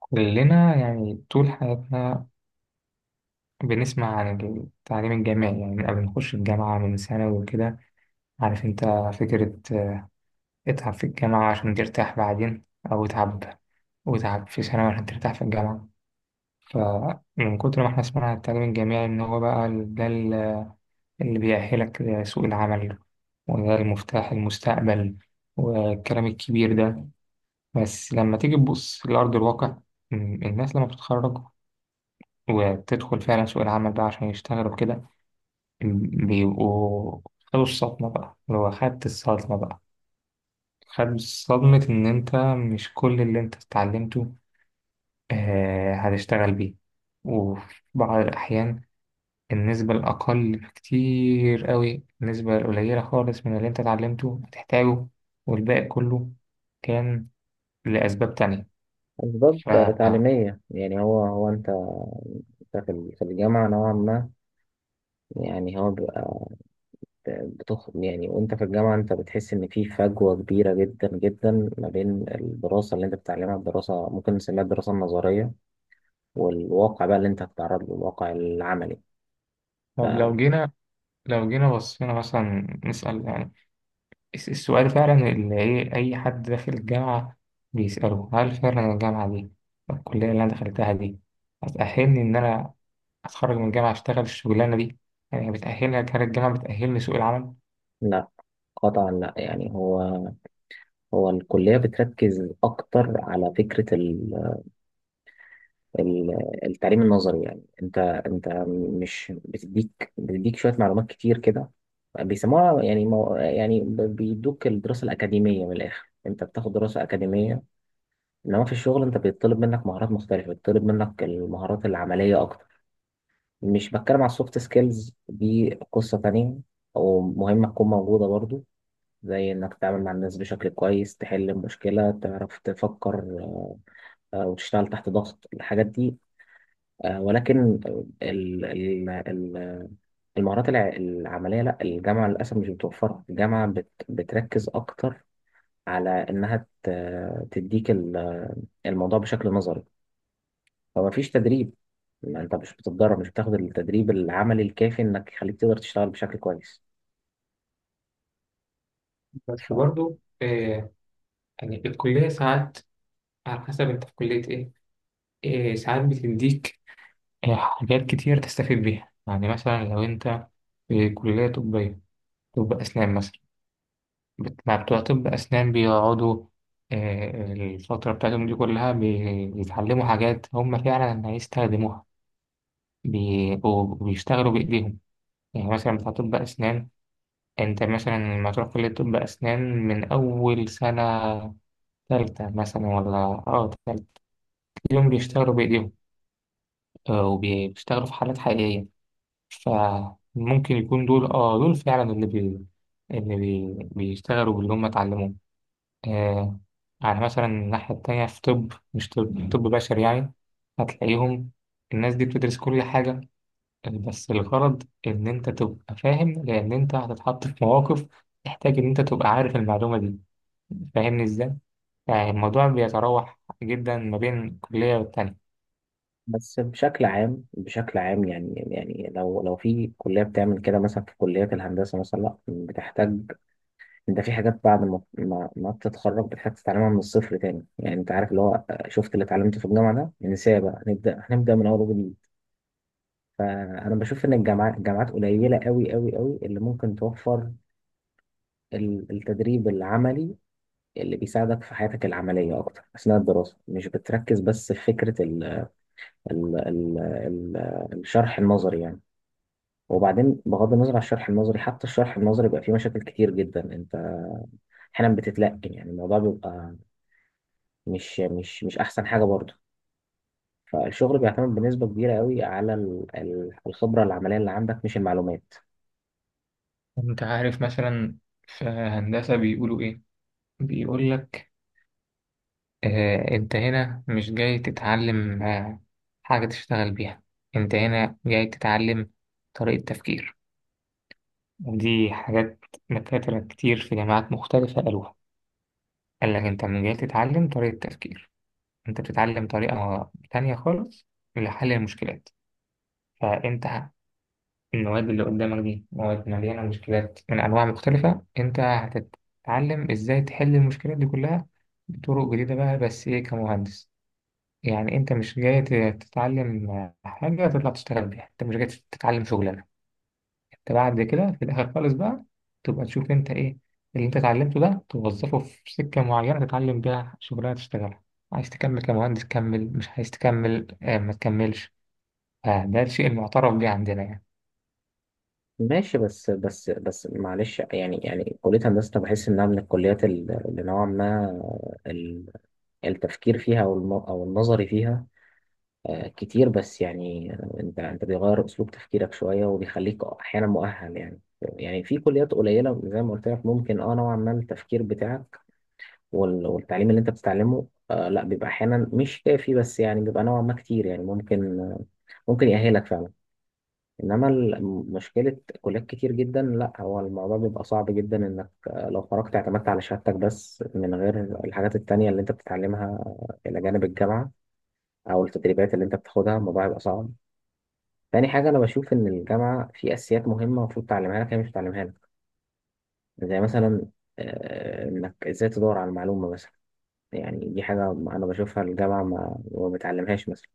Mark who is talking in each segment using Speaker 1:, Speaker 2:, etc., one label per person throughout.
Speaker 1: كلنا يعني طول حياتنا بنسمع عن التعليم الجامعي، يعني من قبل ما نخش الجامعة من ثانوي وكده. عارف انت فكرة اتعب في الجامعة عشان ترتاح بعدين، أو اتعب واتعب في ثانوي عشان ترتاح في الجامعة. فمن كتر ما احنا سمعنا عن التعليم الجامعي إن هو بقى اللي بيأهلك لسوق العمل، وده المفتاح المستقبل والكلام الكبير ده. بس لما تيجي تبص لأرض الواقع، م- الناس لما بتتخرج وبتدخل فعلا سوق العمل بقى عشان يشتغلوا كده، بيبقوا خدوا الصدمة بقى، اللي هو خدت الصدمة بقى، خد صدمة إن أنت مش كل اللي أنت اتعلمته آه هتشتغل بيه. وفي بعض الأحيان النسبة الأقل بكتير قوي، النسبة القليلة خالص من اللي أنت اتعلمته هتحتاجه، والباقي كله كان لأسباب تانية.
Speaker 2: أسباب
Speaker 1: ف...
Speaker 2: تعليمية. يعني هو أنت في في الجامعة نوعا ما. يعني هو بيبقى بتخ يعني وأنت في الجامعة أنت بتحس إن في فجوة كبيرة جدا جدا ما بين الدراسة اللي أنت بتتعلمها، الدراسة ممكن نسميها الدراسة النظرية، والواقع بقى اللي أنت هتتعرض له الواقع العملي.
Speaker 1: طب لو جينا، لو جينا بصينا مثلا نسأل السؤال فعلا اللي إيه، أي حد داخل الجامعة بيسأله، هل فعلا الجامعة دي، الكلية اللي أنا دخلتها دي، هتأهلني إن أنا أتخرج من الجامعة أشتغل الشغلانة دي؟ يعني بتأهلني، هل الجامعة بتأهلني سوق العمل؟
Speaker 2: فلا، قطعا لا. يعني هو الكلية بتركز أكتر على فكرة التعليم النظري. يعني انت مش بتديك شويه معلومات كتير كده بيسموها، يعني بيدوك الدراسه الاكاديميه. من الاخر انت بتاخد دراسه اكاديميه، انما في الشغل انت بيطلب منك مهارات مختلفه، بيطلب منك المهارات العمليه اكتر. مش بتكلم على السوفت سكيلز، دي قصه تانية ومهمه تكون موجوده برضو، زي انك تتعامل مع الناس بشكل كويس، تحل مشكله، تعرف تفكر، وتشتغل تحت ضغط. الحاجات دي ولكن ال- ال- المهارات العملية لا، الجامعة للأسف مش بتوفرها. الجامعة بتركز أكتر على إنها تديك الموضوع بشكل نظري. فما فيش تدريب، ما أنت مش بتتدرب، مش بتاخد التدريب العملي الكافي إنك يخليك تقدر تشتغل بشكل كويس.
Speaker 1: بس
Speaker 2: ف
Speaker 1: برضو آه، يعني في الكلية ساعات، على حسب أنت في كلية إيه، إيه ساعات بتديك حاجات كتير تستفيد بيها. يعني مثلا لو أنت في كلية طبية، طب أسنان مثلا، مع بتوع طب أسنان بيقعدوا الفترة بتاعتهم دي كلها بيتعلموا حاجات هم فعلا هيستخدموها، بيبقوا بيشتغلوا بإيديهم. يعني مثلا بتاع طب أسنان، أنت مثلا لما تروح كلية طب أسنان من أول سنة تالتة مثلا، ولا أه تالتة، اليوم بيشتغلوا بإيديهم، وبيشتغلوا في حالات حقيقية. فممكن يكون دول أه دول فعلا اللي بيشتغلوا باللي هم اتعلموه. آه، على مثلا الناحية التانية في طب، مش طب، طب بشري يعني، هتلاقيهم الناس دي بتدرس كل حاجة، بس الغرض إن أنت تبقى فاهم، لأن أنت هتتحط في مواقف تحتاج إن أنت تبقى عارف المعلومة دي. فاهمني إزاي؟ يعني الموضوع بيتراوح جدا ما بين كلية والتانية.
Speaker 2: بس بشكل عام، بشكل عام، يعني لو في كلية بتعمل كده، مثلا في كليات الهندسة مثلا لا، بتحتاج. انت في حاجات بعد ما ما بتتخرج بتحتاج تتعلمها من الصفر تاني. يعني انت عارف اللي هو، شفت اللي اتعلمته في الجامعه ده، ننساه بقى، هنبدا من اول وجديد. فانا بشوف ان الجامعات قليله، قوي قوي قوي، اللي ممكن توفر التدريب العملي اللي بيساعدك في حياتك العمليه اكتر اثناء الدراسه، مش بتركز بس في فكره ال ال ال ال الشرح النظري يعني. وبعدين بغض النظر عن الشرح النظري، حتى الشرح النظري بيبقى فيه مشاكل كتير جدا. انت احيانا بتتلقن، يعني الموضوع بيبقى مش احسن حاجه برضه. فالشغل بيعتمد بنسبه كبيره قوي على الخبره العمليه اللي عندك، مش المعلومات.
Speaker 1: أنت عارف مثلا في هندسة بيقولوا إيه؟ بيقول لك انت هنا مش جاي تتعلم حاجة تشتغل بيها، انت هنا جاي تتعلم طريقة تفكير. ودي حاجات دكاترة كتير في جامعات مختلفة قالوها، قال لك انت من جاي تتعلم طريقة تفكير، انت بتتعلم طريقة تانية خالص لحل المشكلات. فانت ه- المواد اللي قدامك دي مواد مليانة مشكلات من أنواع مختلفة، انت هتتعلم ازاي تحل المشكلات دي كلها بطرق جديدة بقى، بس ايه، كمهندس. يعني انت مش جاي تتعلم حاجة تطلع تشتغل بيها، انت مش جاي تتعلم شغلانة. انت بعد كده في الاخر خالص بقى تبقى تشوف انت ايه اللي انت اتعلمته ده، توظفه في سكة معينة تتعلم بيها شغلانة تشتغلها. عايز تكمل كمهندس، كمل، مش عايز تكمل آه ما تكملش. فده الشيء المعترف بيه عندنا يعني.
Speaker 2: ماشي، بس بس بس، معلش. يعني كليه هندسه أنا بحس انها من الكليات اللي نوعا ما ال- التفكير فيها، او الم- أو النظري فيها كتير. بس يعني انت بيغير اسلوب تفكيرك شويه، وبيخليك احيانا مؤهل. يعني في كليات قليله زي ما قلت لك ممكن اه نوعا ما التفكير بتاعك والتعليم اللي انت بتتعلمه آه لا، بيبقى احيانا مش كافي، بس يعني بيبقى نوعا ما كتير، يعني ممكن يأهلك فعلا. انما مشكلة كليات كتير جدا، لا، هو الموضوع بيبقى صعب جدا انك لو خرجت اعتمدت على شهادتك بس من غير الحاجات التانية اللي انت بتتعلمها الى جانب الجامعة، او التدريبات اللي انت بتاخدها، الموضوع بيبقى صعب. تاني حاجة، انا بشوف ان الجامعة في اساسيات مهمة المفروض تعلمها لك هي مش بتعلمها لك. زي مثلا انك ازاي تدور على المعلومة مثلا، يعني دي حاجة أنا بشوفها الجامعة ما بتعلمهاش مثلا.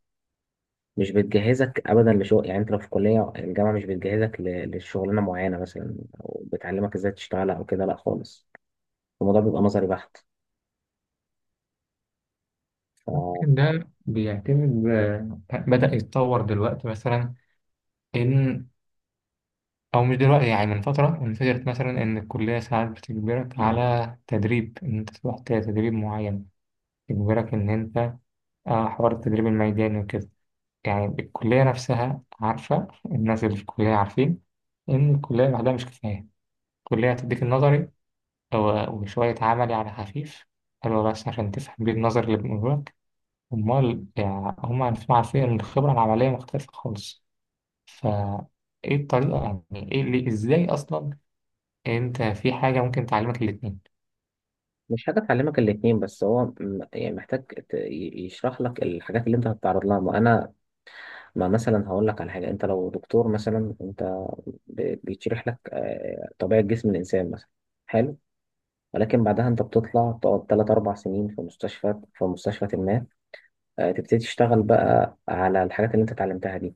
Speaker 2: مش بتجهزك أبدا لشغل. يعني أنت لو في كلية، الجامعة مش بتجهزك لشغلانة معينة مثلا، أو بتعلمك إزاي تشتغل أو كده، لأ خالص. الموضوع بيبقى نظري بحت. فمش
Speaker 1: ممكن ده بيعتمد، آه، بدأ يتطور دلوقتي مثلا، إن، أو مش دلوقتي، يعني من فترة انفجرت مثلا، إن الكلية ساعات بتجبرك على تدريب، إن أنت تروح تدريب معين، تجبرك إن أنت حوار التدريب الميداني وكده. يعني الكلية نفسها عارفة، الناس اللي في الكلية عارفين إن الكلية لوحدها مش كفاية. الكلية هتديك النظري أو- وشوية عملي على خفيف، حلو بس عشان تفهم بيه النظري اللي بيقولوا لك. أمال يعني هم عارفين، عارفين إن الخبرة العملية مختلفة خالص. ف ايه الطريقة، يعني ايه اللي ازاي اصلا انت في حاجة ممكن تعلمك الاتنين؟
Speaker 2: حاجة تعلمك الاتنين. بس هو يعني محتاج يشرح لك الحاجات اللي أنت هتتعرض لها. ما مثلا هقول لك على حاجة. أنت لو دكتور مثلا، أنت بيتشرح لك طبيعة جسم الإنسان مثلا. حلو، ولكن بعدها انت بتطلع تقعد 3 4 سنين في مستشفى، ما تبتدي تشتغل بقى على الحاجات اللي انت اتعلمتها دي.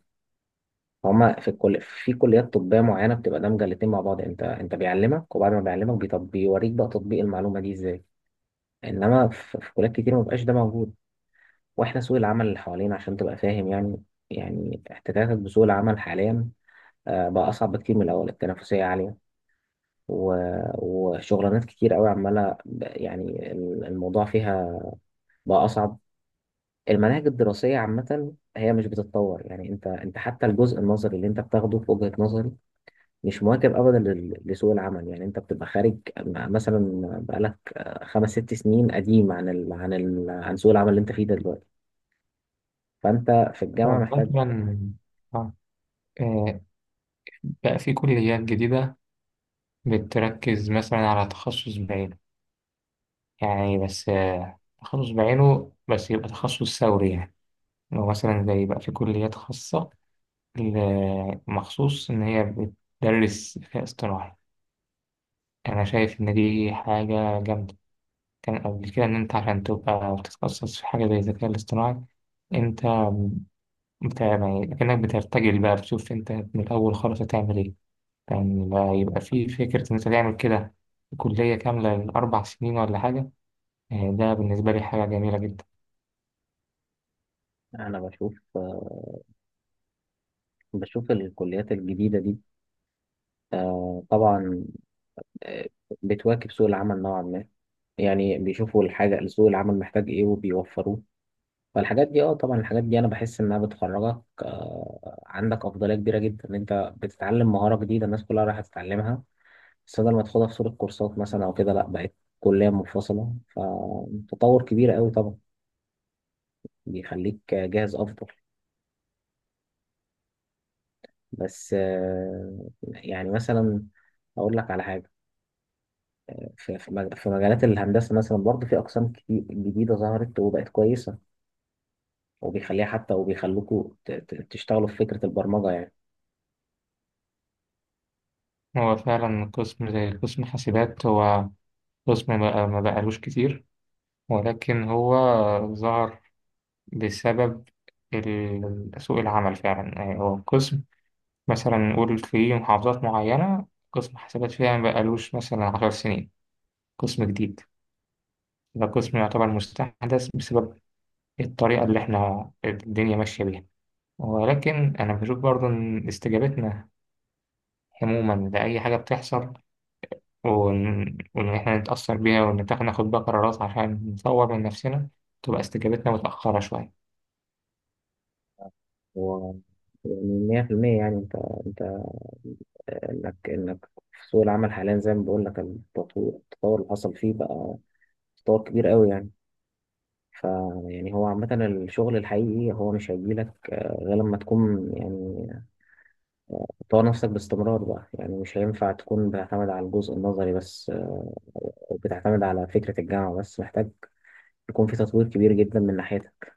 Speaker 2: هما في الكل في كليات طبية معينة بتبقى دمجة الاتنين مع بعض. انت بيعلمك، وبعد ما بيعلمك بيوريك بقى تطبيق المعلومة دي ازاي. انما في كليات كتير ما بقاش ده موجود. واحنا سوق العمل اللي حوالينا، عشان تبقى فاهم يعني، يعني احتكاكك بسوق العمل حاليا بقى اصعب بكتير من الاول، التنافسية عالية و... وشغلانات كتير قوي عمالة يعني الموضوع فيها بقى أصعب. المناهج الدراسية عامة هي مش بتتطور. يعني انت حتى الجزء النظري اللي انت بتاخده في وجهة نظري مش مواكب ابدا لسوق العمل. يعني انت بتبقى خارج مثلا، بقالك خمس ست سنين قديم عن سوق العمل اللي انت فيه ده دلوقتي. فانت في الجامعة
Speaker 1: طب
Speaker 2: محتاج.
Speaker 1: مثلا، آه، آه، بقى في كليات جديدة بتركز مثلا على تخصص بعينه، يعني بس آه، تخصص بعينه بس يبقى تخصص ثوري يعني. لو مثلا زي بقى في كليات خاصة مخصوص إن هي بتدرس ذكاء اصطناعي، أنا شايف إن دي حاجة جامدة. كان قبل كده إن أنت عشان تبقى تتخصص في حاجة زي الذكاء الاصطناعي، أنت، انت يعني كأنك بترتجل بقى، بتشوف انت من الأول خالص هتعمل ايه. كان يعني لا، يبقى في فكرة ان انت تعمل كده كلية كاملة ل4 سنين ولا حاجة. آه، ده بالنسبة لي حاجة جميلة جدا.
Speaker 2: انا بشوف بشوف الكليات الجديدة دي طبعا آه، بتواكب سوق العمل نوعا ما. يعني بيشوفوا الحاجة سوق العمل محتاج ايه وبيوفروه. فالحاجات دي اه طبعا، الحاجات دي انا بحس انها بتخرجك آه عندك افضليه كبيره جدا. ان انت بتتعلم مهاره جديده الناس كلها رايحه تتعلمها، بس بدل ما تاخدها في صوره كورسات مثلا او كده، لا، بقت كليه منفصله، فتطور كبير قوي طبعا، بيخليك جاهز افضل. بس آه يعني مثلا اقول لك على حاجه، في مجالات الهندسه مثلا برضه في اقسام كتير جديده ظهرت وبقت كويسه، وبيخليها حتى وبيخلوكوا تشتغلوا في فكره البرمجه يعني.
Speaker 1: هو فعلا قسم زي قسم حاسبات، هو قسم ما بقالوش كتير، ولكن هو ظهر بسبب سوق العمل فعلا. يعني هو قسم، مثلا نقول في محافظات معينة قسم حاسبات فيها ما بقالوش مثلا 10 سنين، قسم جديد، ده قسم يعتبر مستحدث بسبب الطريقة اللي احنا الدنيا ماشية بيها. ولكن أنا بشوف برضو إن استجابتنا عموما لأي حاجة بتحصل وإن إحنا نتأثر بيها وإن ناخد بقى قرارات عشان نطور من نفسنا، تبقى استجابتنا متأخرة شوية.
Speaker 2: هو يعني مية في المية. يعني انت انت انك انك في سوق العمل حاليا، زي ما بقول لك التطور، اللي حصل فيه بقى تطور كبير قوي يعني. ف يعني هو عامة الشغل الحقيقي هو مش هيجيلك غير لما تكون يعني تطور نفسك باستمرار بقى. يعني مش هينفع تكون بتعتمد على الجزء النظري بس او بتعتمد على فكرة الجامعة بس، محتاج يكون في تطوير كبير جدا من ناحيتك.